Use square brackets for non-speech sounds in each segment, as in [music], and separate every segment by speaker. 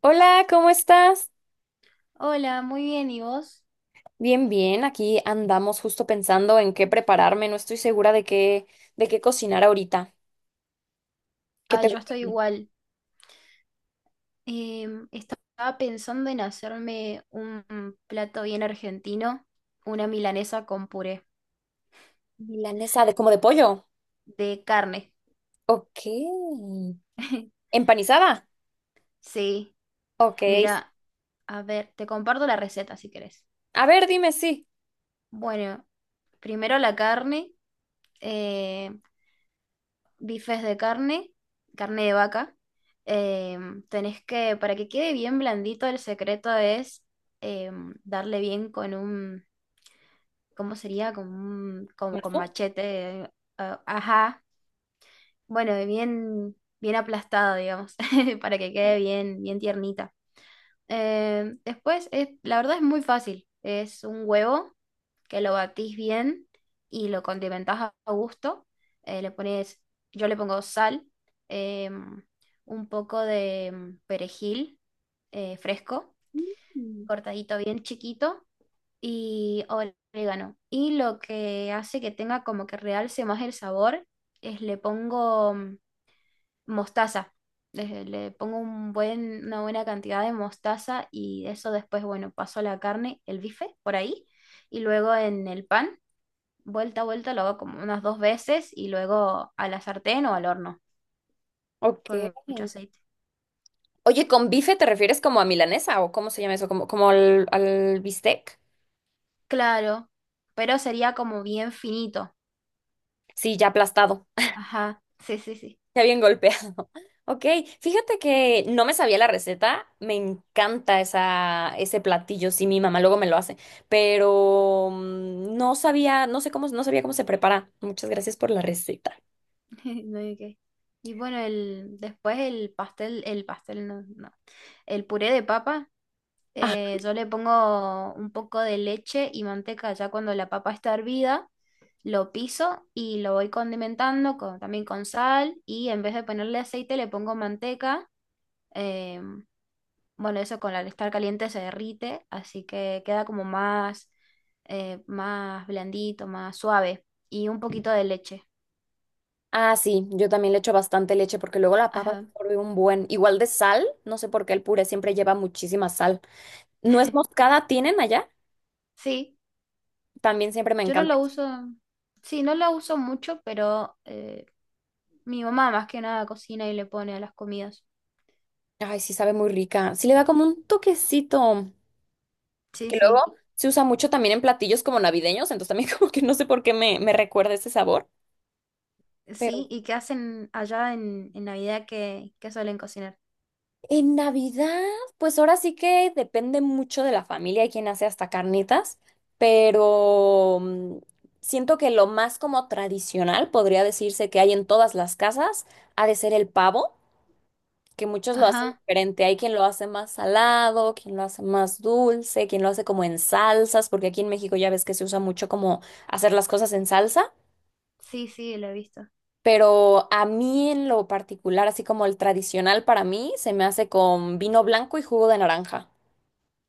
Speaker 1: Hola, ¿cómo estás?
Speaker 2: Hola, muy bien, ¿y vos?
Speaker 1: Bien, bien. Aquí andamos justo pensando en qué prepararme. No estoy segura de qué cocinar ahorita. ¿Qué
Speaker 2: Ah,
Speaker 1: te
Speaker 2: yo
Speaker 1: gusta? ¿A
Speaker 2: estoy
Speaker 1: ti?
Speaker 2: igual. Estaba pensando en hacerme un plato bien argentino, una milanesa con puré
Speaker 1: Milanesa de como de pollo.
Speaker 2: de carne.
Speaker 1: Ok.
Speaker 2: [laughs]
Speaker 1: ¿Empanizada?
Speaker 2: Sí,
Speaker 1: Ok.
Speaker 2: mira, a ver, te comparto la receta si querés.
Speaker 1: A ver, dime sí.
Speaker 2: Bueno, primero la carne, eh, bifes de carne, carne de vaca. Tenés que, para que quede bien blandito, el secreto es darle bien con un, ¿cómo sería? Con, como con
Speaker 1: ¿Mazo?
Speaker 2: machete, ah, ajá, bueno, bien, bien aplastado, digamos, [laughs] para que quede bien, bien tiernita. Después, es, la verdad es muy fácil, es un huevo que lo batís bien y lo condimentás a gusto. Le pones, yo le pongo sal, em, un poco de perejil fresco,
Speaker 1: Mm.
Speaker 2: cortadito bien chiquito, y orégano. Y lo que hace que tenga como que realce más el sabor es le pongo mostaza. Le pongo un buen, una buena cantidad de mostaza y eso después, bueno, paso la carne, el bife por ahí y luego en el pan, vuelta a vuelta, lo hago como unas dos veces y luego a la sartén o al horno
Speaker 1: Ok.
Speaker 2: con mucho aceite.
Speaker 1: Oye, ¿con bife te refieres como a milanesa o cómo se llama eso? ¿Como, como al bistec?
Speaker 2: Claro, pero sería como bien finito.
Speaker 1: Sí, ya aplastado.
Speaker 2: Ajá, sí, sí, sí.
Speaker 1: Está bien golpeado. [laughs] Ok, fíjate que no me sabía la receta. Me encanta esa, ese platillo. Sí, mi mamá luego me lo hace. Pero no sabía, no sé cómo, no sabía cómo se prepara. Muchas gracias por la receta.
Speaker 2: [laughs] No hay que- Y bueno, después el pastel no, no. El puré de papa,
Speaker 1: Ah,
Speaker 2: yo le pongo un poco de leche y manteca ya cuando la papa está hervida, lo piso y lo voy condimentando con, también con sal y en vez de ponerle aceite le pongo manteca. eh, bueno, eso con al estar caliente se derrite, así que queda como más, más blandito, más suave y un poquito de leche.
Speaker 1: sí, yo también le echo bastante leche porque luego la papa
Speaker 2: Ajá.
Speaker 1: absorbe un buen. Igual de sal, no sé por qué el puré siempre lleva muchísima sal. ¿Nuez
Speaker 2: [laughs]
Speaker 1: moscada tienen allá?
Speaker 2: Sí.
Speaker 1: También siempre me
Speaker 2: Yo no
Speaker 1: encanta.
Speaker 2: lo uso, sí, no lo uso mucho, pero mi mamá más que nada cocina y le pone a las comidas.
Speaker 1: Ay, sí, sabe muy rica. Sí, le da como un toquecito.
Speaker 2: Sí,
Speaker 1: Que
Speaker 2: sí.
Speaker 1: luego se usa mucho también en platillos como navideños, entonces también [laughs] como que no sé por qué me recuerda ese sabor. Pero
Speaker 2: Sí, ¿y qué hacen allá en Navidad que suelen cocinar?
Speaker 1: en Navidad, pues ahora sí que depende mucho de la familia y quién hace hasta carnitas, pero siento que lo más como tradicional podría decirse que hay en todas las casas ha de ser el pavo, que muchos lo hacen
Speaker 2: Ajá,
Speaker 1: diferente. Hay quien lo hace más salado, quien lo hace más dulce, quien lo hace como en salsas, porque aquí en México ya ves que se usa mucho como hacer las cosas en salsa.
Speaker 2: sí, sí, lo he visto.
Speaker 1: Pero a mí en lo particular, así como el tradicional para mí, se me hace con vino blanco y jugo de naranja.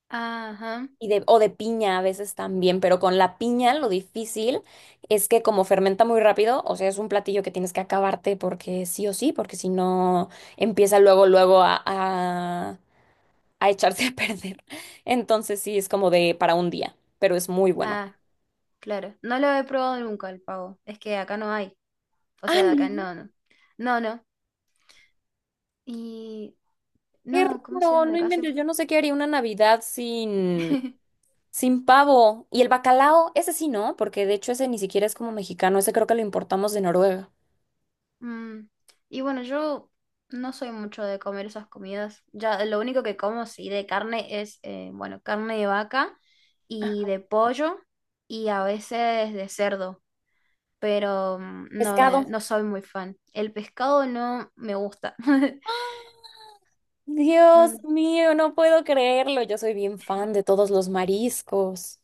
Speaker 2: Ajá,
Speaker 1: Y de, o de piña a veces también, pero con la piña lo difícil es que como fermenta muy rápido, o sea, es un platillo que tienes que acabarte porque sí o sí, porque si no empieza luego, luego a echarse a perder. [laughs] Entonces sí, es como de para un día, pero es muy bueno.
Speaker 2: ah, claro. No lo he probado nunca el pavo, es que acá no hay. O
Speaker 1: Ah,
Speaker 2: sea,
Speaker 1: no,
Speaker 2: acá no, no. No, no. Y
Speaker 1: qué
Speaker 2: no, ¿cómo se
Speaker 1: raro,
Speaker 2: llama de
Speaker 1: no
Speaker 2: acá? Sí.
Speaker 1: inventes, yo no sé qué haría una Navidad sin...
Speaker 2: [laughs]
Speaker 1: Sin pavo. Y el bacalao, ese sí, ¿no? Porque de hecho ese ni siquiera es como mexicano, ese creo que lo importamos de Noruega.
Speaker 2: Mm, Y bueno, yo no soy mucho de comer esas comidas. Ya lo único que como sí de carne es, bueno, carne de vaca y de pollo y a veces de cerdo, pero no me,
Speaker 1: Pescado.
Speaker 2: no soy muy fan. El pescado no me gusta. [laughs]
Speaker 1: [gasps] ¡Ah! Dios
Speaker 2: Mm,
Speaker 1: mío, no puedo creerlo. Yo soy bien fan de todos los mariscos.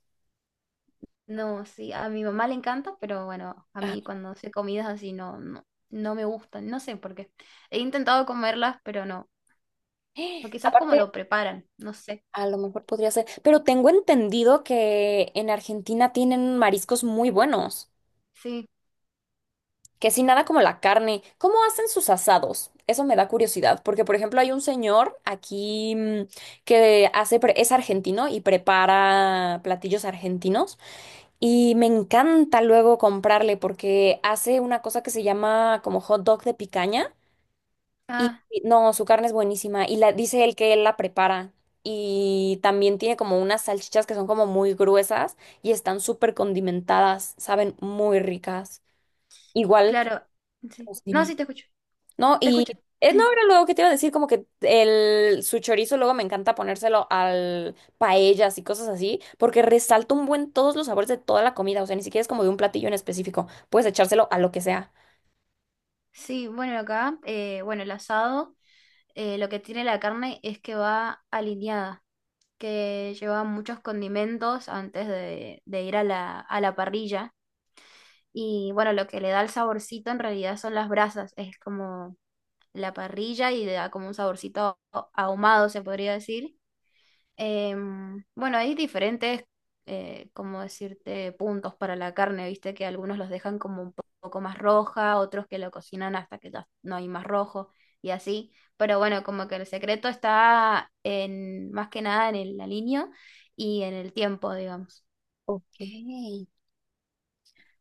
Speaker 2: No, sí, a mi mamá le encanta, pero bueno, a
Speaker 1: Ah.
Speaker 2: mí cuando hace comidas así no, no, no me gustan, no sé por qué. He intentado comerlas, pero no. O
Speaker 1: [gasps]
Speaker 2: quizás como
Speaker 1: Aparte,
Speaker 2: lo preparan, no sé.
Speaker 1: a lo mejor podría ser, pero tengo entendido que en Argentina tienen mariscos muy buenos.
Speaker 2: Sí.
Speaker 1: Que si nada como la carne, ¿cómo hacen sus asados? Eso me da curiosidad, porque por ejemplo hay un señor aquí que hace, pre- es argentino y prepara platillos argentinos y me encanta luego comprarle porque hace una cosa que se llama como hot dog de picaña y
Speaker 2: Ah,
Speaker 1: y no, su carne es buenísima y la dice él que él la prepara y también tiene como unas salchichas que son como muy gruesas y están súper condimentadas, saben muy ricas. Igual,
Speaker 2: claro, sí.
Speaker 1: pues,
Speaker 2: No,
Speaker 1: dime.
Speaker 2: sí, te escucho,
Speaker 1: No,
Speaker 2: te
Speaker 1: y
Speaker 2: escucho.
Speaker 1: es no era luego que te iba a decir como que el su chorizo luego me encanta ponérselo al paellas y cosas así, porque resalta un buen todos los sabores de toda la comida, o sea, ni siquiera es como de un platillo en específico, puedes echárselo a lo que sea.
Speaker 2: Sí, bueno, acá, bueno, el asado, lo que tiene la carne es que va alineada, que lleva muchos condimentos antes de ir a la parrilla. Y bueno, lo que le da el saborcito en realidad son las brasas, es como la parrilla y le da como un saborcito ahumado, se podría decir. Bueno, hay diferentes, como decirte, puntos para la carne, viste que algunos los dejan como un poco más roja, otros que lo cocinan hasta que ya no hay más rojo y así. Pero bueno, como que el secreto está en, más que nada en el aliño y en el tiempo, digamos. [laughs]
Speaker 1: Ok.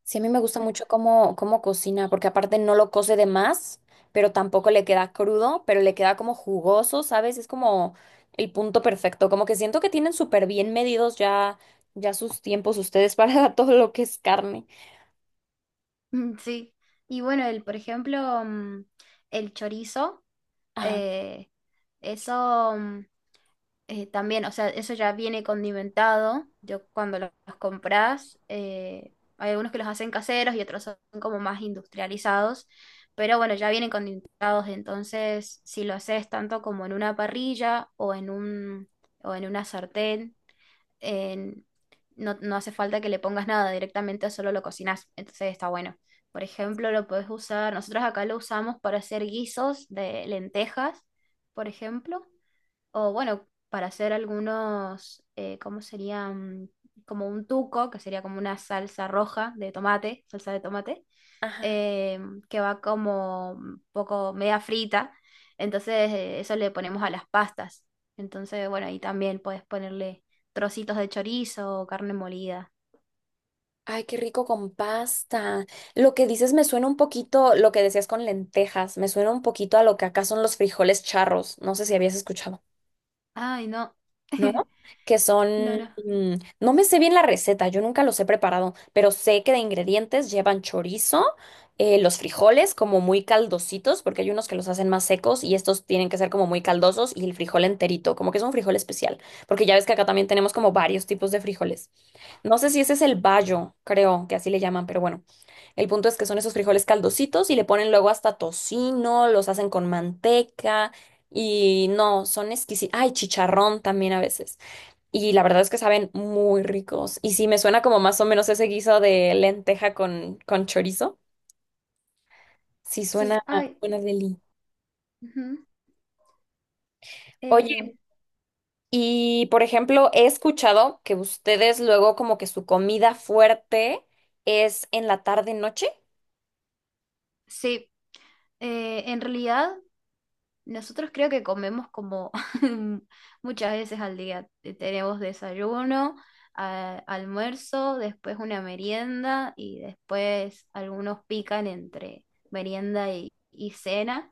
Speaker 1: Sí, a mí me gusta mucho cómo, cómo cocina, porque aparte no lo cose de más, pero tampoco le queda crudo, pero le queda como jugoso, ¿sabes? Es como el punto perfecto, como que siento que tienen súper bien medidos ya sus tiempos ustedes para [laughs] todo lo que es carne.
Speaker 2: Mm. Sí. Y bueno, el, por ejemplo, el chorizo, eh, eso. También, o sea, eso ya viene condimentado. Yo cuando los, compras, hay algunos que los hacen caseros y otros son como más industrializados, pero bueno, ya vienen condimentados. Entonces, si lo haces tanto como en una parrilla o en un, o en una sartén, en- no, no hace falta que le pongas nada, directamente solo lo cocinas. Entonces está bueno. Por ejemplo, lo puedes usar, nosotros acá lo usamos para hacer guisos de lentejas, por ejemplo o bueno, para hacer algunos, ¿cómo serían? Como un tuco, que sería como una salsa roja de tomate, salsa de tomate,
Speaker 1: Ajá.
Speaker 2: eh, que va como un poco media frita. Entonces, eso le ponemos a las pastas. Entonces, bueno, ahí también puedes ponerle trocitos de chorizo o carne molida.
Speaker 1: Ay, qué rico con pasta. Lo que dices me suena un poquito, lo que decías con lentejas, me suena un poquito a lo que acá son los frijoles charros. No sé si habías escuchado.
Speaker 2: Ay, no.
Speaker 1: ¿No?
Speaker 2: [laughs]
Speaker 1: Que son,
Speaker 2: No, no.
Speaker 1: mm, no me sé bien la receta, yo nunca los he preparado, pero sé que de ingredientes llevan chorizo, los frijoles como muy caldositos, porque hay unos que los hacen más secos y estos tienen que ser como muy caldosos y el frijol enterito, como que es un frijol especial, porque ya ves que acá también tenemos como varios tipos de frijoles. No sé si ese es el bayo, creo que así le llaman, pero bueno. El punto es que son esos frijoles caldositos y le ponen luego hasta tocino, los hacen con manteca y no, son exquisitos. Ay, chicharrón también a veces. Y la verdad es que saben muy ricos. Y sí, me suena como más o menos ese guiso de lenteja con chorizo. Sí,
Speaker 2: Sí,
Speaker 1: suena
Speaker 2: ay.
Speaker 1: buena deli.
Speaker 2: Ujú. Eh,
Speaker 1: Oye, y por ejemplo, he escuchado que ustedes luego como que su comida fuerte es en la tarde-noche.
Speaker 2: sí, en realidad. Nosotros creo que comemos como [laughs] muchas veces al día. Tenemos desayuno, almuerzo, después una merienda y después algunos pican entre merienda y cena.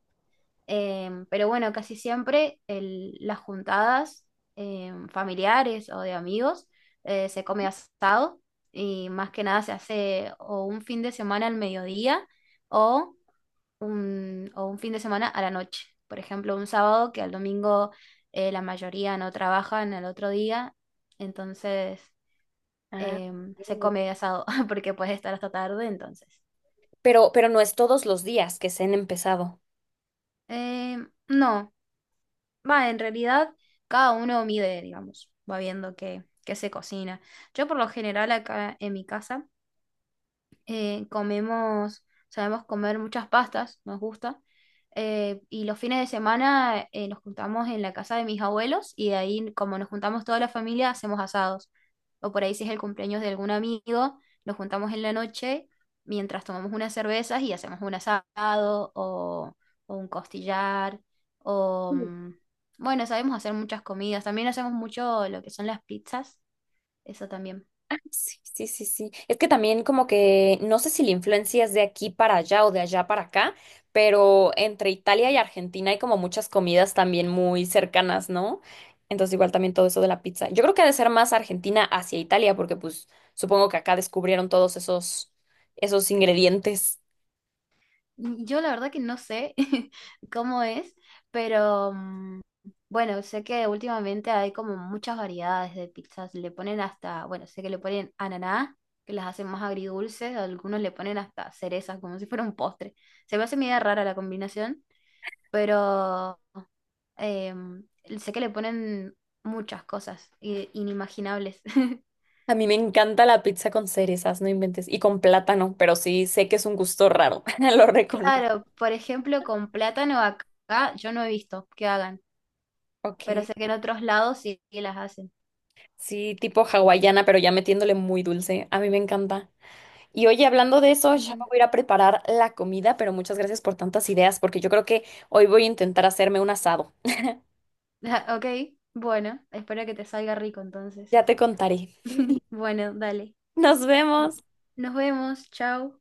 Speaker 2: Pero bueno, casi siempre las juntadas familiares o de amigos se come asado y más que nada se hace o un fin de semana al mediodía o un fin de semana a la noche. Por ejemplo, un sábado que al domingo la mayoría no trabajan al otro día, entonces
Speaker 1: Ah.
Speaker 2: se come asado [laughs] porque puede estar hasta tarde, entonces.
Speaker 1: Pero no es todos los días que se han empezado.
Speaker 2: No, va, en realidad cada uno mide, digamos, va viendo qué se cocina. Yo por lo general acá en mi casa comemos, sabemos comer muchas pastas, nos gusta. Y los fines de semana nos juntamos en la casa de mis abuelos y de ahí, como nos juntamos toda la familia, hacemos asados. O por ahí si es el cumpleaños de algún amigo, nos juntamos en la noche mientras tomamos unas cervezas y hacemos un asado o un costillar o... bueno, sabemos hacer muchas comidas. También hacemos mucho lo que son las pizzas. Eso también.
Speaker 1: Ah, sí, sí, sí, sí. Es que también como que no sé si la influencia es de aquí para allá o de allá para acá, pero entre Italia y Argentina hay como muchas comidas también muy cercanas, ¿no? Entonces igual también todo eso de la pizza. Yo creo que ha de ser más Argentina hacia Italia, porque pues supongo que acá descubrieron todos esos, esos ingredientes.
Speaker 2: Yo la verdad que no sé [laughs] cómo es, pero bueno, sé que últimamente hay como muchas variedades de pizzas. Le ponen hasta, bueno, sé que le ponen ananá, que las hacen más agridulces, algunos le ponen hasta cerezas, como si fuera un postre. Se me hace media rara la combinación, pero em, sé que le ponen muchas cosas inimaginables. [laughs]
Speaker 1: A mí me encanta la pizza con cerezas, no inventes, y con plátano, pero sí sé que es un gusto raro, [laughs] lo reconozco.
Speaker 2: Claro, por ejemplo, con plátano acá yo no he visto que hagan, pero
Speaker 1: Ok.
Speaker 2: sé que en otros lados sí que las hacen.
Speaker 1: Sí, tipo hawaiana, pero ya metiéndole muy dulce. A mí me encanta. Y oye, hablando de eso, ya
Speaker 2: Ujú.
Speaker 1: me
Speaker 2: [laughs]
Speaker 1: voy a ir a preparar la comida, pero muchas gracias por tantas ideas, porque yo creo que hoy voy a intentar hacerme un asado.
Speaker 2: Ah, Ok, bueno, espero que te salga rico entonces.
Speaker 1: Ya te contaré.
Speaker 2: [laughs] Bueno, dale.
Speaker 1: Nos vemos.
Speaker 2: Nos vemos, chao.